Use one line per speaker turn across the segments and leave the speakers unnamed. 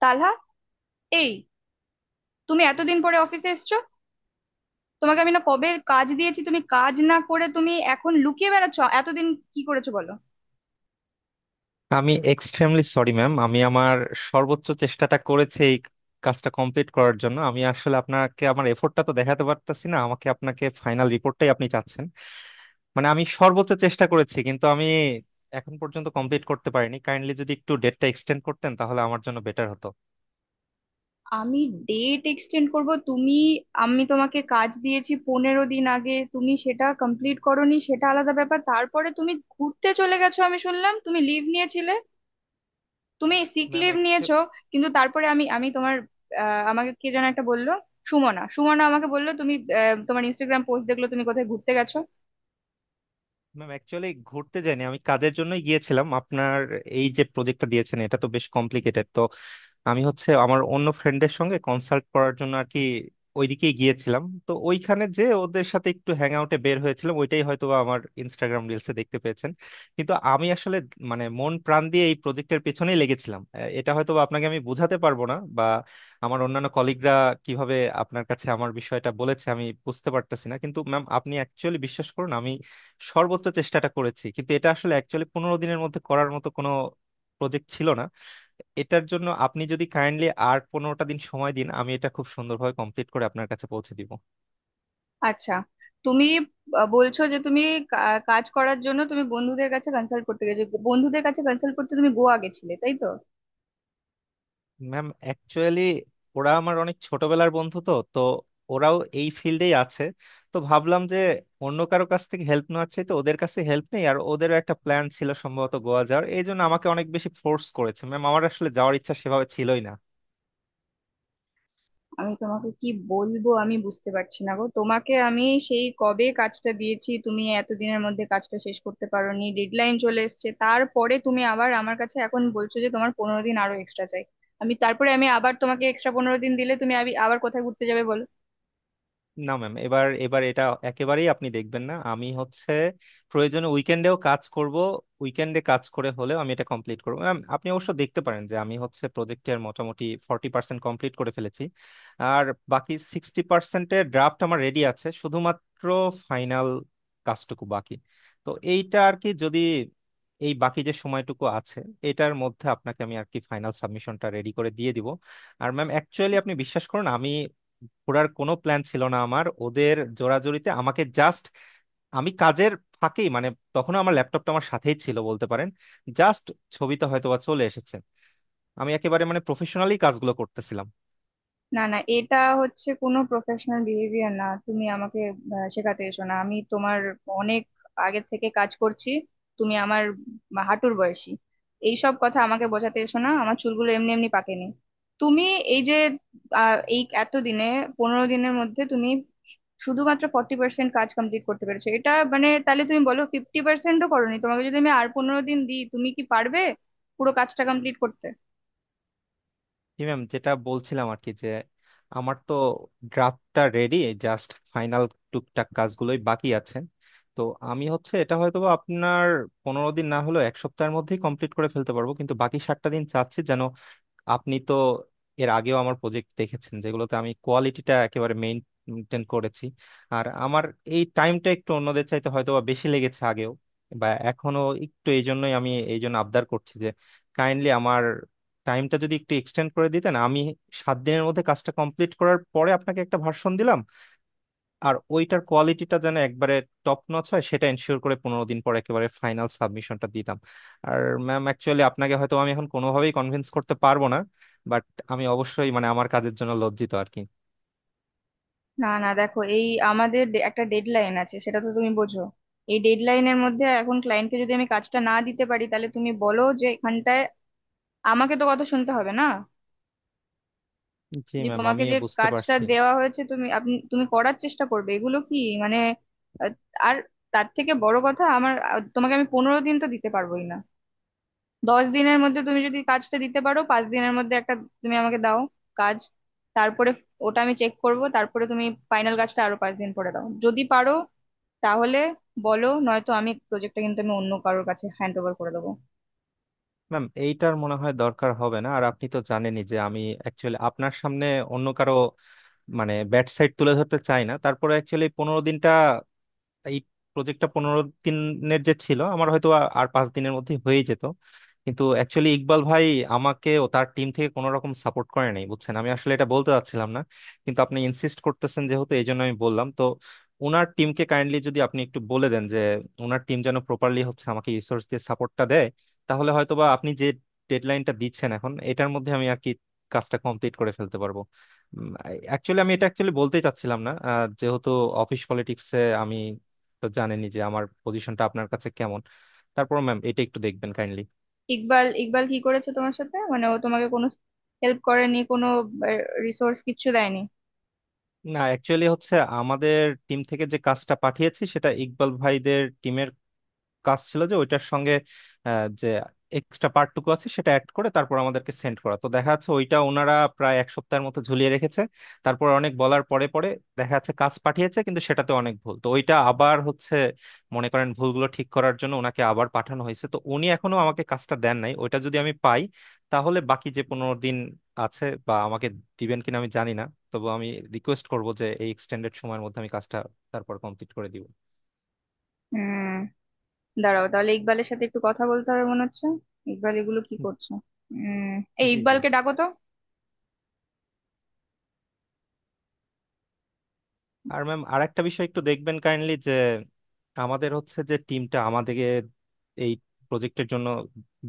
তালহা! এই, তুমি এতদিন পরে অফিসে এসছো? তোমাকে আমি না কবে কাজ দিয়েছি, তুমি কাজ না করে তুমি এখন লুকিয়ে বেড়াচ্ছো। এতদিন কি করেছো, বলো।
আমি এক্সট্রিমলি সরি ম্যাম। আমি আমার সর্বোচ্চ চেষ্টাটা করেছি এই কাজটা কমপ্লিট করার জন্য। আমি আসলে আপনাকে আমার এফোর্টটা তো দেখাতে পারতাছি না, আমাকে আপনাকে ফাইনাল রিপোর্টটাই আপনি চাচ্ছেন। মানে আমি সর্বোচ্চ চেষ্টা করেছি, কিন্তু আমি এখন পর্যন্ত কমপ্লিট করতে পারিনি। কাইন্ডলি যদি একটু ডেটটা এক্সটেন্ড করতেন, তাহলে আমার জন্য বেটার হতো।
আমি ডেট এক্সটেন্ড করব? তুমি... আমি তোমাকে কাজ দিয়েছি 15 দিন আগে, তুমি সেটা কমপ্লিট করোনি, সেটা আলাদা ব্যাপার। তারপরে তুমি ঘুরতে চলে গেছো, আমি শুনলাম তুমি লিভ নিয়েছিলে। তুমি সিক
ম্যাম
লিভ নিয়েছো? কিন্তু তারপরে আমি আমি তোমার, আমাকে কে যেন একটা বললো। সুমনা সুমনা আমাকে বললো তুমি, তোমার ইনস্টাগ্রাম পোস্ট দেখলো তুমি কোথায় ঘুরতে গেছো।
ম্যাম অ্যাকচুয়ালি ঘুরতে যাইনি, আমি কাজের জন্যই গিয়েছিলাম। আপনার এই যে প্রজেক্টটা দিয়েছেন, এটা তো বেশ কমপ্লিকেটেড, তো আমি হচ্ছে আমার অন্য ফ্রেন্ডদের সঙ্গে কনসাল্ট করার জন্য আর কি ওইদিকেই গিয়েছিলাম। তো ওইখানে যে ওদের সাথে একটু হ্যাং আউটে বের হয়েছিলাম, ওইটাই হয়তো বা আমার ইনস্টাগ্রাম রিলসে দেখতে পেয়েছেন। কিন্তু আমি আসলে মানে মন প্রাণ দিয়ে এই প্রজেক্টের পেছনেই লেগেছিলাম। এটা হয়তো বা আপনাকে আমি বোঝাতে পারবো না, বা আমার অন্যান্য কলিগরা কিভাবে আপনার কাছে আমার বিষয়টা বলেছে আমি বুঝতে পারতেছি না। কিন্তু ম্যাম আপনি অ্যাকচুয়ালি বিশ্বাস করুন, আমি সর্বোচ্চ চেষ্টাটা করেছি। কিন্তু এটা আসলে অ্যাকচুয়ালি 15 দিনের মধ্যে করার মতো কোনো প্রজেক্ট ছিল না। এটার জন্য আপনি যদি কাইন্ডলি আর 15টা দিন সময় দিন, আমি এটা খুব সুন্দরভাবে কমপ্লিট করে আপনার কাছে পৌঁছে দিব।
আচ্ছা, তুমি বলছো যে তুমি কাজ করার জন্য তুমি বন্ধুদের কাছে কনসাল্ট করতে গেছো। বন্ধুদের কাছে কনসাল্ট করতে তুমি গোয়া গেছিলে, তাই তো?
ম্যাম অ্যাকচুয়ালি ওরা আমার অনেক ছোটবেলার বন্ধু, তো তো ওরাও এই ফিল্ডেই আছে। তো ভাবলাম যে অন্য কারো কাছ থেকে হেল্প নেওয়ার চাইতে ওদের কাছে হেল্প নেই। আর ওদেরও একটা প্ল্যান ছিল সম্ভবত গোয়া যাওয়ার, এই জন্য আমাকে অনেক বেশি ফোর্স করেছে। ম্যাম, আমার আসলে যাওয়ার ইচ্ছা সেভাবে ছিলই না।
আমি তোমাকে কি বলবো আমি বুঝতে পারছি না গো। তোমাকে আমি সেই কবে কাজটা দিয়েছি, তুমি এতদিনের মধ্যে কাজটা শেষ করতে পারোনি, ডেডলাইন চলে এসেছে। তারপরে তুমি আবার আমার কাছে এখন বলছো যে তোমার 15 দিন আরো এক্সট্রা চাই। আমি তারপরে আমি আবার তোমাকে এক্সট্রা 15 দিন দিলে তুমি আবার কোথায় ঘুরতে যাবে, বলো?
না ম্যাম, এবার এবার এটা একেবারেই আপনি দেখবেন না। আমি হচ্ছে প্রয়োজনে উইকেন্ডেও কাজ করব, উইকেন্ডে কাজ করে হলেও আমি এটা কমপ্লিট করব। ম্যাম আপনি অবশ্য দেখতে পারেন যে আমি হচ্ছে প্রজেক্টের মোটামুটি 40% কমপ্লিট করে ফেলেছি। আর বাকি 60% ড্রাফট আমার রেডি আছে, শুধুমাত্র ফাইনাল কাজটুকু বাকি। তো এইটা আর কি, যদি এই বাকি যে সময়টুকু আছে, এটার মধ্যে আপনাকে আমি আর কি ফাইনাল সাবমিশনটা রেডি করে দিয়ে দিব। আর ম্যাম অ্যাকচুয়ালি আপনি বিশ্বাস করুন, আমি ঘোরার কোনো প্ল্যান ছিল না আমার। ওদের জোরাজুরিতে আমাকে জাস্ট, আমি কাজের ফাঁকেই মানে তখনও আমার ল্যাপটপটা আমার সাথেই ছিল বলতে পারেন। জাস্ট ছবিটা হয়তো বা চলে এসেছে, আমি একেবারে মানে প্রফেশনালি কাজগুলো করতেছিলাম।
না, না, এটা হচ্ছে কোনো প্রফেশনাল বিহেভিয়ার না। তুমি আমাকে শেখাতে এসো না। আমি তোমার অনেক আগের থেকে কাজ করছি। তুমি আমার হাঁটুর বয়সী। এইসব কথা আমাকে বোঝাতে এসো না, আমার চুলগুলো এমনি এমনি পাকেনি। তুমি এই যে, এই এতদিনে, 15 দিনের মধ্যে তুমি শুধুমাত্র 40% কাজ কমপ্লিট করতে পেরেছো। এটা মানে তাহলে তুমি বলো 50%ও করোনি। তোমাকে যদি আমি আর 15 দিন দিই, তুমি কি পারবে পুরো কাজটা কমপ্লিট করতে?
জি ম্যাম, যেটা বলছিলাম আর কি, যে আমার তো ড্রাফটটা রেডি, জাস্ট ফাইনাল টুকটাক কাজগুলোই বাকি আছে। তো আমি হচ্ছে এটা হয়তো বা আপনার 15 দিন না হলেও এক সপ্তাহের মধ্যেই কমপ্লিট করে ফেলতে পারবো। কিন্তু বাকি 7টা দিন চাচ্ছি যেন, আপনি তো এর আগেও আমার প্রজেক্ট দেখেছেন যেগুলোতে আমি কোয়ালিটিটা একেবারে মেনটেন করেছি। আর আমার এই টাইমটা একটু অন্যদের চাইতে হয়তো বা বেশি লেগেছে আগেও বা এখনো একটু, এই জন্যই আমি এই জন্য আবদার করছি যে কাইন্ডলি আমার টাইমটা যদি একটু এক্সটেন্ড করে দিতেন, আমি 7 দিনের মধ্যে কাজটা কমপ্লিট করার পরে আপনাকে একটা ভার্সন দিলাম। আর ওইটার কোয়ালিটিটা যেন একবারে টপ নচ হয় সেটা এনশিওর করে 15 দিন পর একেবারে ফাইনাল সাবমিশনটা দিতাম। আর ম্যাম অ্যাকচুয়ালি আপনাকে হয়তো আমি এখন কোনোভাবেই কনভিন্স করতে পারবো না, বাট আমি অবশ্যই মানে আমার কাজের জন্য লজ্জিত আর কি।
না, না, দেখো, এই আমাদের একটা ডেডলাইন আছে, সেটা তো তুমি বোঝো। এই ডেডলাইনের মধ্যে এখন ক্লায়েন্টকে যদি আমি কাজটা না দিতে পারি, তাহলে তুমি বলো, যে এখানটায় আমাকে তো কথা শুনতে হবে না?
জি
যে
ম্যাম,
তোমাকে
আমিও
যে
বুঝতে
কাজটা
পারছি।
দেওয়া হয়েছে তুমি আপনি তুমি করার চেষ্টা করবে, এগুলো কি মানে, আহ, আর তার থেকে বড় কথা আমার, তোমাকে আমি 15 দিন তো দিতে পারবোই না। 10 দিনের মধ্যে তুমি যদি কাজটা দিতে পারো, 5 দিনের মধ্যে একটা তুমি আমাকে দাও কাজ, তারপরে ওটা আমি চেক করব, তারপরে তুমি ফাইনাল কাজটা আরো 5 দিন পরে দাও যদি পারো। তাহলে বলো, নয়তো আমি প্রজেক্টটা কিন্তু আমি অন্য কারোর কাছে হ্যান্ড ওভার করে দেবো।
ম্যাম এইটার মনে হয় দরকার হবে না। আর আপনি তো জানেনই যে আমি অ্যাকচুয়ালি আপনার সামনে অন্য কারো মানে ব্যাড সাইড তুলে ধরতে চাই না। তারপরে অ্যাকচুয়ালি 15 দিনটা, এই প্রজেক্টটা 15 দিনের যে ছিল, আমার হয়তো আর 5 দিনের মধ্যে হয়ে যেত। কিন্তু অ্যাকচুয়ালি ইকবাল ভাই আমাকে ও তার টিম থেকে কোনো রকম সাপোর্ট করে নাই বুঝছেন। আমি আসলে এটা বলতে চাচ্ছিলাম না, কিন্তু আপনি ইনসিস্ট করতেছেন যেহেতু, এই জন্য আমি বললাম। তো ওনার টিমকে কাইন্ডলি যদি আপনি একটু বলে দেন যে ওনার টিম যেন প্রপারলি হচ্ছে আমাকে রিসোর্স দিয়ে সাপোর্টটা দেয়, তাহলে হয়তোবা আপনি যে ডেডলাইনটা দিচ্ছেন এখন এটার মধ্যে আমি আর কি কাজটা কমপ্লিট করে ফেলতে পারবো। অ্যাকচুয়ালি আমি এটা অ্যাকচুয়ালি বলতেই চাচ্ছিলাম না যেহেতু অফিস পলিটিক্সে আমি তো জানেনই যে আমার পজিশনটা আপনার কাছে কেমন। তারপর ম্যাম এটা একটু দেখবেন কাইন্ডলি।
ইকবাল ইকবাল কি করেছে তোমার সাথে? মানে ও তোমাকে কোনো হেল্প করেনি, কোনো রিসোর্স কিচ্ছু দেয়নি?
না, অ্যাকচুয়ালি হচ্ছে আমাদের টিম থেকে যে কাজটা পাঠিয়েছি, সেটা ইকবাল ভাইদের টিমের কাজ ছিল যে ওইটার সঙ্গে যে এক্সট্রা পার্টটুকু আছে সেটা অ্যাড করে তারপর আমাদেরকে সেন্ড করা। তো দেখা যাচ্ছে ওইটা ওনারা প্রায় এক সপ্তাহের মতো ঝুলিয়ে রেখেছে। তারপর অনেক বলার পরে পরে দেখা যাচ্ছে কাজ পাঠিয়েছে, কিন্তু সেটাতে অনেক ভুল। তো ওইটা আবার হচ্ছে মনে করেন ভুলগুলো ঠিক করার জন্য ওনাকে আবার পাঠানো হয়েছে। তো উনি এখনো আমাকে কাজটা দেন নাই, ওইটা যদি আমি পাই তাহলে বাকি যে 15 দিন আছে বা আমাকে দিবেন কিনা আমি জানি না, তবু আমি রিকোয়েস্ট করব যে এই এক্সটেন্ডেড সময়ের মধ্যে আমি কাজটা তারপর কমপ্লিট করে দিব।
হুম, দাঁড়াও, তাহলে ইকবালের সাথে একটু কথা বলতে হবে মনে হচ্ছে। ইকবাল এগুলো কি করছে! উম এই,
জি জি।
ইকবালকে ডাকো তো।
আর ম্যাম আর একটা বিষয় একটু দেখবেন কাইন্ডলি, যে আমাদের হচ্ছে যে টিমটা আমাদেরকে এই প্রজেক্টের জন্য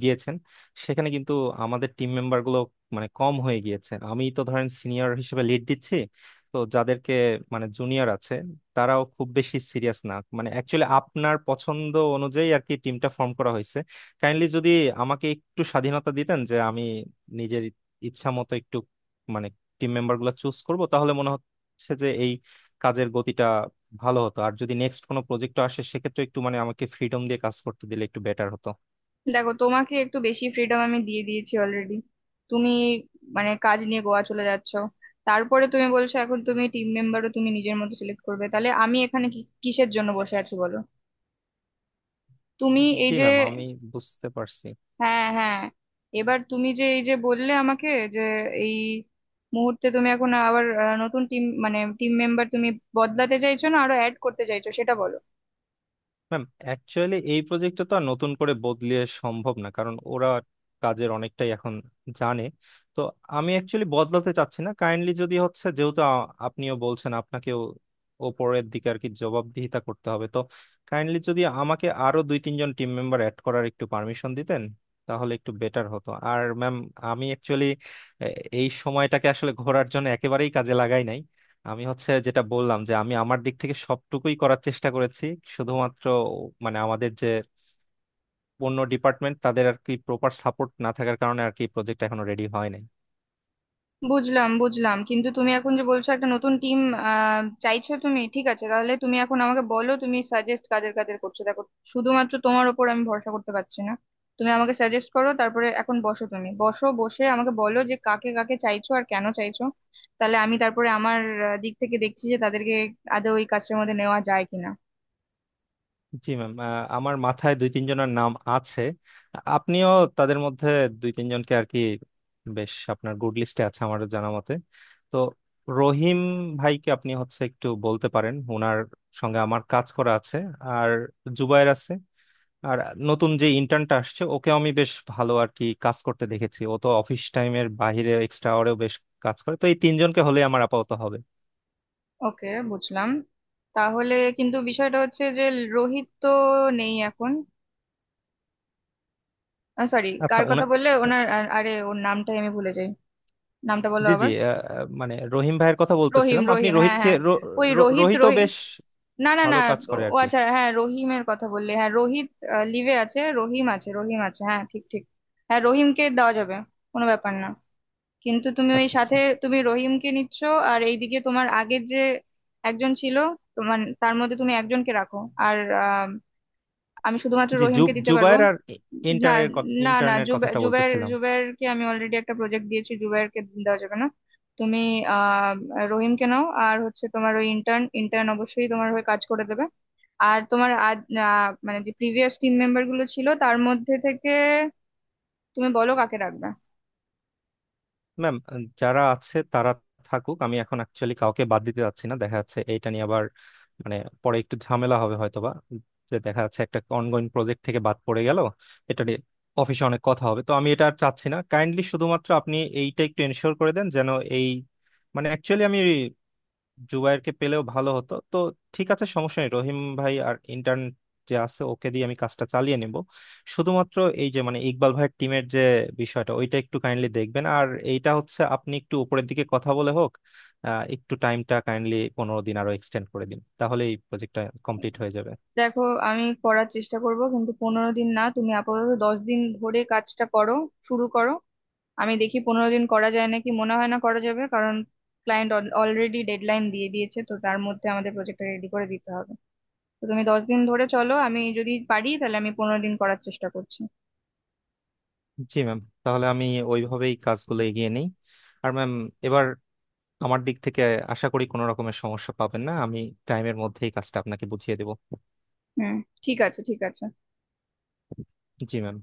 দিয়েছেন, সেখানে কিন্তু আমাদের টিম মেম্বার গুলো মানে কম হয়ে গিয়েছে। আমি তো ধরেন সিনিয়র হিসেবে লিড দিচ্ছি, তো যাদেরকে মানে জুনিয়র আছে তারাও খুব বেশি সিরিয়াস না। মানে অ্যাকচুয়ালি আপনার পছন্দ অনুযায়ী আর কি টিমটা ফর্ম করা হয়েছে। কাইন্ডলি যদি আমাকে একটু স্বাধীনতা দিতেন যে আমি নিজের ইচ্ছা মতো একটু মানে টিম মেম্বার গুলো চুজ করবো, তাহলে মনে হয় হচ্ছে যে এই কাজের গতিটা ভালো হতো। আর যদি নেক্সট কোনো প্রজেক্ট আসে সেক্ষেত্রে একটু মানে আমাকে ফ্রিডম দিয়ে কাজ করতে দিলে একটু বেটার হতো।
দেখো, তোমাকে একটু বেশি ফ্রিডম আমি দিয়ে দিয়েছি অলরেডি। তুমি মানে কাজ নিয়ে গোয়া চলে যাচ্ছ, তারপরে তুমি বলছো এখন তুমি টিম মেম্বারও তুমি নিজের মতো সিলেক্ট করবে, তাহলে আমি এখানে কিসের জন্য বসে আছি, বলো? তুমি এই
জি
যে...
ম্যাম, আমি বুঝতে পারছি।
হ্যাঁ, হ্যাঁ, এবার তুমি যে এই যে বললে আমাকে, যে এই মুহূর্তে তুমি এখন আবার, নতুন টিম মানে টিম মেম্বার তুমি বদলাতে চাইছো, না আরো অ্যাড করতে চাইছো, সেটা বলো।
ম্যাম অ্যাকচুয়ালি এই প্রজেক্টটা তো আর নতুন করে বদলিয়ে সম্ভব না, কারণ ওরা কাজের অনেকটাই এখন জানে। তো আমি অ্যাকচুয়ালি বদলাতে চাচ্ছি না। কাইন্ডলি যদি হচ্ছে যেহেতু আপনিও বলছেন আপনাকেও ওপরের দিকে আর কি জবাবদিহিতা করতে হবে, তো কাইন্ডলি যদি আমাকে আরো দুই তিনজন টিম মেম্বার অ্যাড করার একটু পারমিশন দিতেন তাহলে একটু বেটার হতো। আর ম্যাম আমি অ্যাকচুয়ালি এই সময়টাকে আসলে ঘোরার জন্য একেবারেই কাজে লাগাই নাই। আমি হচ্ছে যেটা বললাম যে আমি আমার দিক থেকে সবটুকুই করার চেষ্টা করেছি। শুধুমাত্র মানে আমাদের যে অন্য ডিপার্টমেন্ট তাদের আর কি প্রপার সাপোর্ট না থাকার কারণে আর কি প্রজেক্ট এখনো রেডি হয় নাই।
বুঝলাম, বুঝলাম, কিন্তু তুমি এখন যে বলছো একটা নতুন টিম চাইছো তুমি। ঠিক আছে, তাহলে তুমি এখন আমাকে বলো তুমি সাজেস্ট কাদের কাদের করছো। দেখো, শুধুমাত্র তোমার ওপর আমি ভরসা করতে পারছি না। তুমি আমাকে সাজেস্ট করো, তারপরে এখন বসো, তুমি বসো, বসে আমাকে বলো যে কাকে কাকে চাইছো আর কেন চাইছো। তাহলে আমি তারপরে আমার দিক থেকে দেখছি যে তাদেরকে আদৌ ওই কাজের মধ্যে নেওয়া যায় কিনা।
জি ম্যাম, আমার মাথায় দুই তিনজনের নাম আছে। আপনিও তাদের মধ্যে দুই তিনজনকে আর কি বেশ আপনার গুড লিস্টে আছে আমার জানা মতে। তো রহিম ভাইকে আপনি হচ্ছে একটু বলতে পারেন, ওনার সঙ্গে আমার কাজ করা আছে। আর জুবায়ের আছে। আর নতুন যে ইন্টার্নটা আসছে ওকে আমি বেশ ভালো আর কি কাজ করতে দেখেছি। ও তো অফিস টাইমের বাইরে এক্সট্রা আওয়ারেও বেশ কাজ করে। তো এই তিনজনকে হলে আমার আপাতত হবে।
ওকে, বুঝলাম। তাহলে কিন্তু বিষয়টা হচ্ছে যে রোহিত তো নেই এখন। সরি,
আচ্ছা
কার
উনা,
কথা বললে? ওনার আরে, ওর নামটাই আমি ভুলে যাই। নামটা বলো
জি জি,
আবার।
আহ, আহ, মানে রহিম ভাইয়ের কথা
রহিম,
বলতেছিলাম, আপনি
রহিম, হ্যাঁ,
রোহিতকে
হ্যাঁ, ওই রোহিত
রোহিতও
রহিম,
বেশ
না, না,
ভালো
না।
কাজ করে আর
ও
কি।
আচ্ছা, হ্যাঁ, রহিমের কথা বললে। হ্যাঁ, রোহিত লিভে আছে, রহিম আছে, রহিম আছে, হ্যাঁ, ঠিক, ঠিক। হ্যাঁ, রহিমকে দেওয়া যাবে, কোনো ব্যাপার না। কিন্তু তুমি ওই
আচ্ছা আচ্ছা।
সাথে, তুমি রহিমকে নিচ্ছ, আর এইদিকে তোমার আগের যে একজন ছিল তোমার, তার মধ্যে তুমি একজনকে রাখো। আর, আহ আমি শুধুমাত্র
জি
রহিমকে দিতে পারবো।
জুবায়ের আর
না, না, না,
ইন্টার্নের কথাটা
জুবের,
বলতেছিলাম।
জুবেরকে আমি অলরেডি একটা প্রজেক্ট দিয়েছি, জুবেরকে দেওয়া যাবে না। তুমি, আহ রহিমকে নাও, আর হচ্ছে তোমার ওই ইন্টার্ন, ইন্টার্ন অবশ্যই তোমার হয়ে কাজ করে দেবে। আর তোমার আজ, মানে যে প্রিভিয়াস টিম মেম্বার গুলো ছিল তার মধ্যে থেকে তুমি বলো কাকে রাখবে।
ম্যাম যারা আছে তারা থাকুক, আমি এখন অ্যাকচুয়ালি কাউকে বাদ দিতে যাচ্ছি না। দেখা যাচ্ছে এইটা নিয়ে আবার মানে পরে একটু ঝামেলা হবে হয়তোবা, যে দেখা যাচ্ছে একটা অনগোয়িং প্রজেক্ট থেকে বাদ পড়ে গেল, এটা নিয়ে অফিসে অনেক কথা হবে। তো আমি এটা আর চাচ্ছি না। কাইন্ডলি শুধুমাত্র আপনি এইটা একটু এনশিওর করে দেন যেন এই মানে অ্যাকচুয়ালি আমি জুবায়েরকে পেলেও ভালো হতো। তো ঠিক আছে, সমস্যা নেই, রহিম ভাই আর ইন্টার্ন যে আছে ওকে দিয়ে আমি কাজটা চালিয়ে নিব। শুধুমাত্র এই যে মানে ইকবাল ভাইয়ের টিমের যে বিষয়টা, ওইটা একটু কাইন্ডলি দেখবেন। আর এইটা হচ্ছে আপনি একটু উপরের দিকে কথা বলে হোক একটু টাইমটা কাইন্ডলি 15 দিন আরো এক্সটেন্ড করে দিন, তাহলে এই প্রজেক্টটা কমপ্লিট হয়ে যাবে।
দেখো, আমি করার চেষ্টা করব, কিন্তু 15 দিন না, তুমি আপাতত 10 দিন ধরে কাজটা করো, শুরু করো। আমি দেখি 15 দিন করা যায় নাকি, মনে হয় না করা যাবে, কারণ ক্লায়েন্ট অলরেডি ডেডলাইন দিয়ে দিয়েছে, তো তার মধ্যে আমাদের প্রজেক্টটা রেডি করে দিতে হবে। তো তুমি 10 দিন ধরে চলো, আমি যদি পারি তাহলে আমি 15 দিন করার চেষ্টা করছি।
জি ম্যাম, তাহলে আমি ওইভাবেই কাজগুলো এগিয়ে নিই। আর ম্যাম এবার আমার দিক থেকে আশা করি কোনো রকমের সমস্যা পাবেন না, আমি টাইমের মধ্যেই কাজটা আপনাকে বুঝিয়ে দেবো।
হুম, ঠিক আছে, ঠিক আছে।
জি ম্যাম।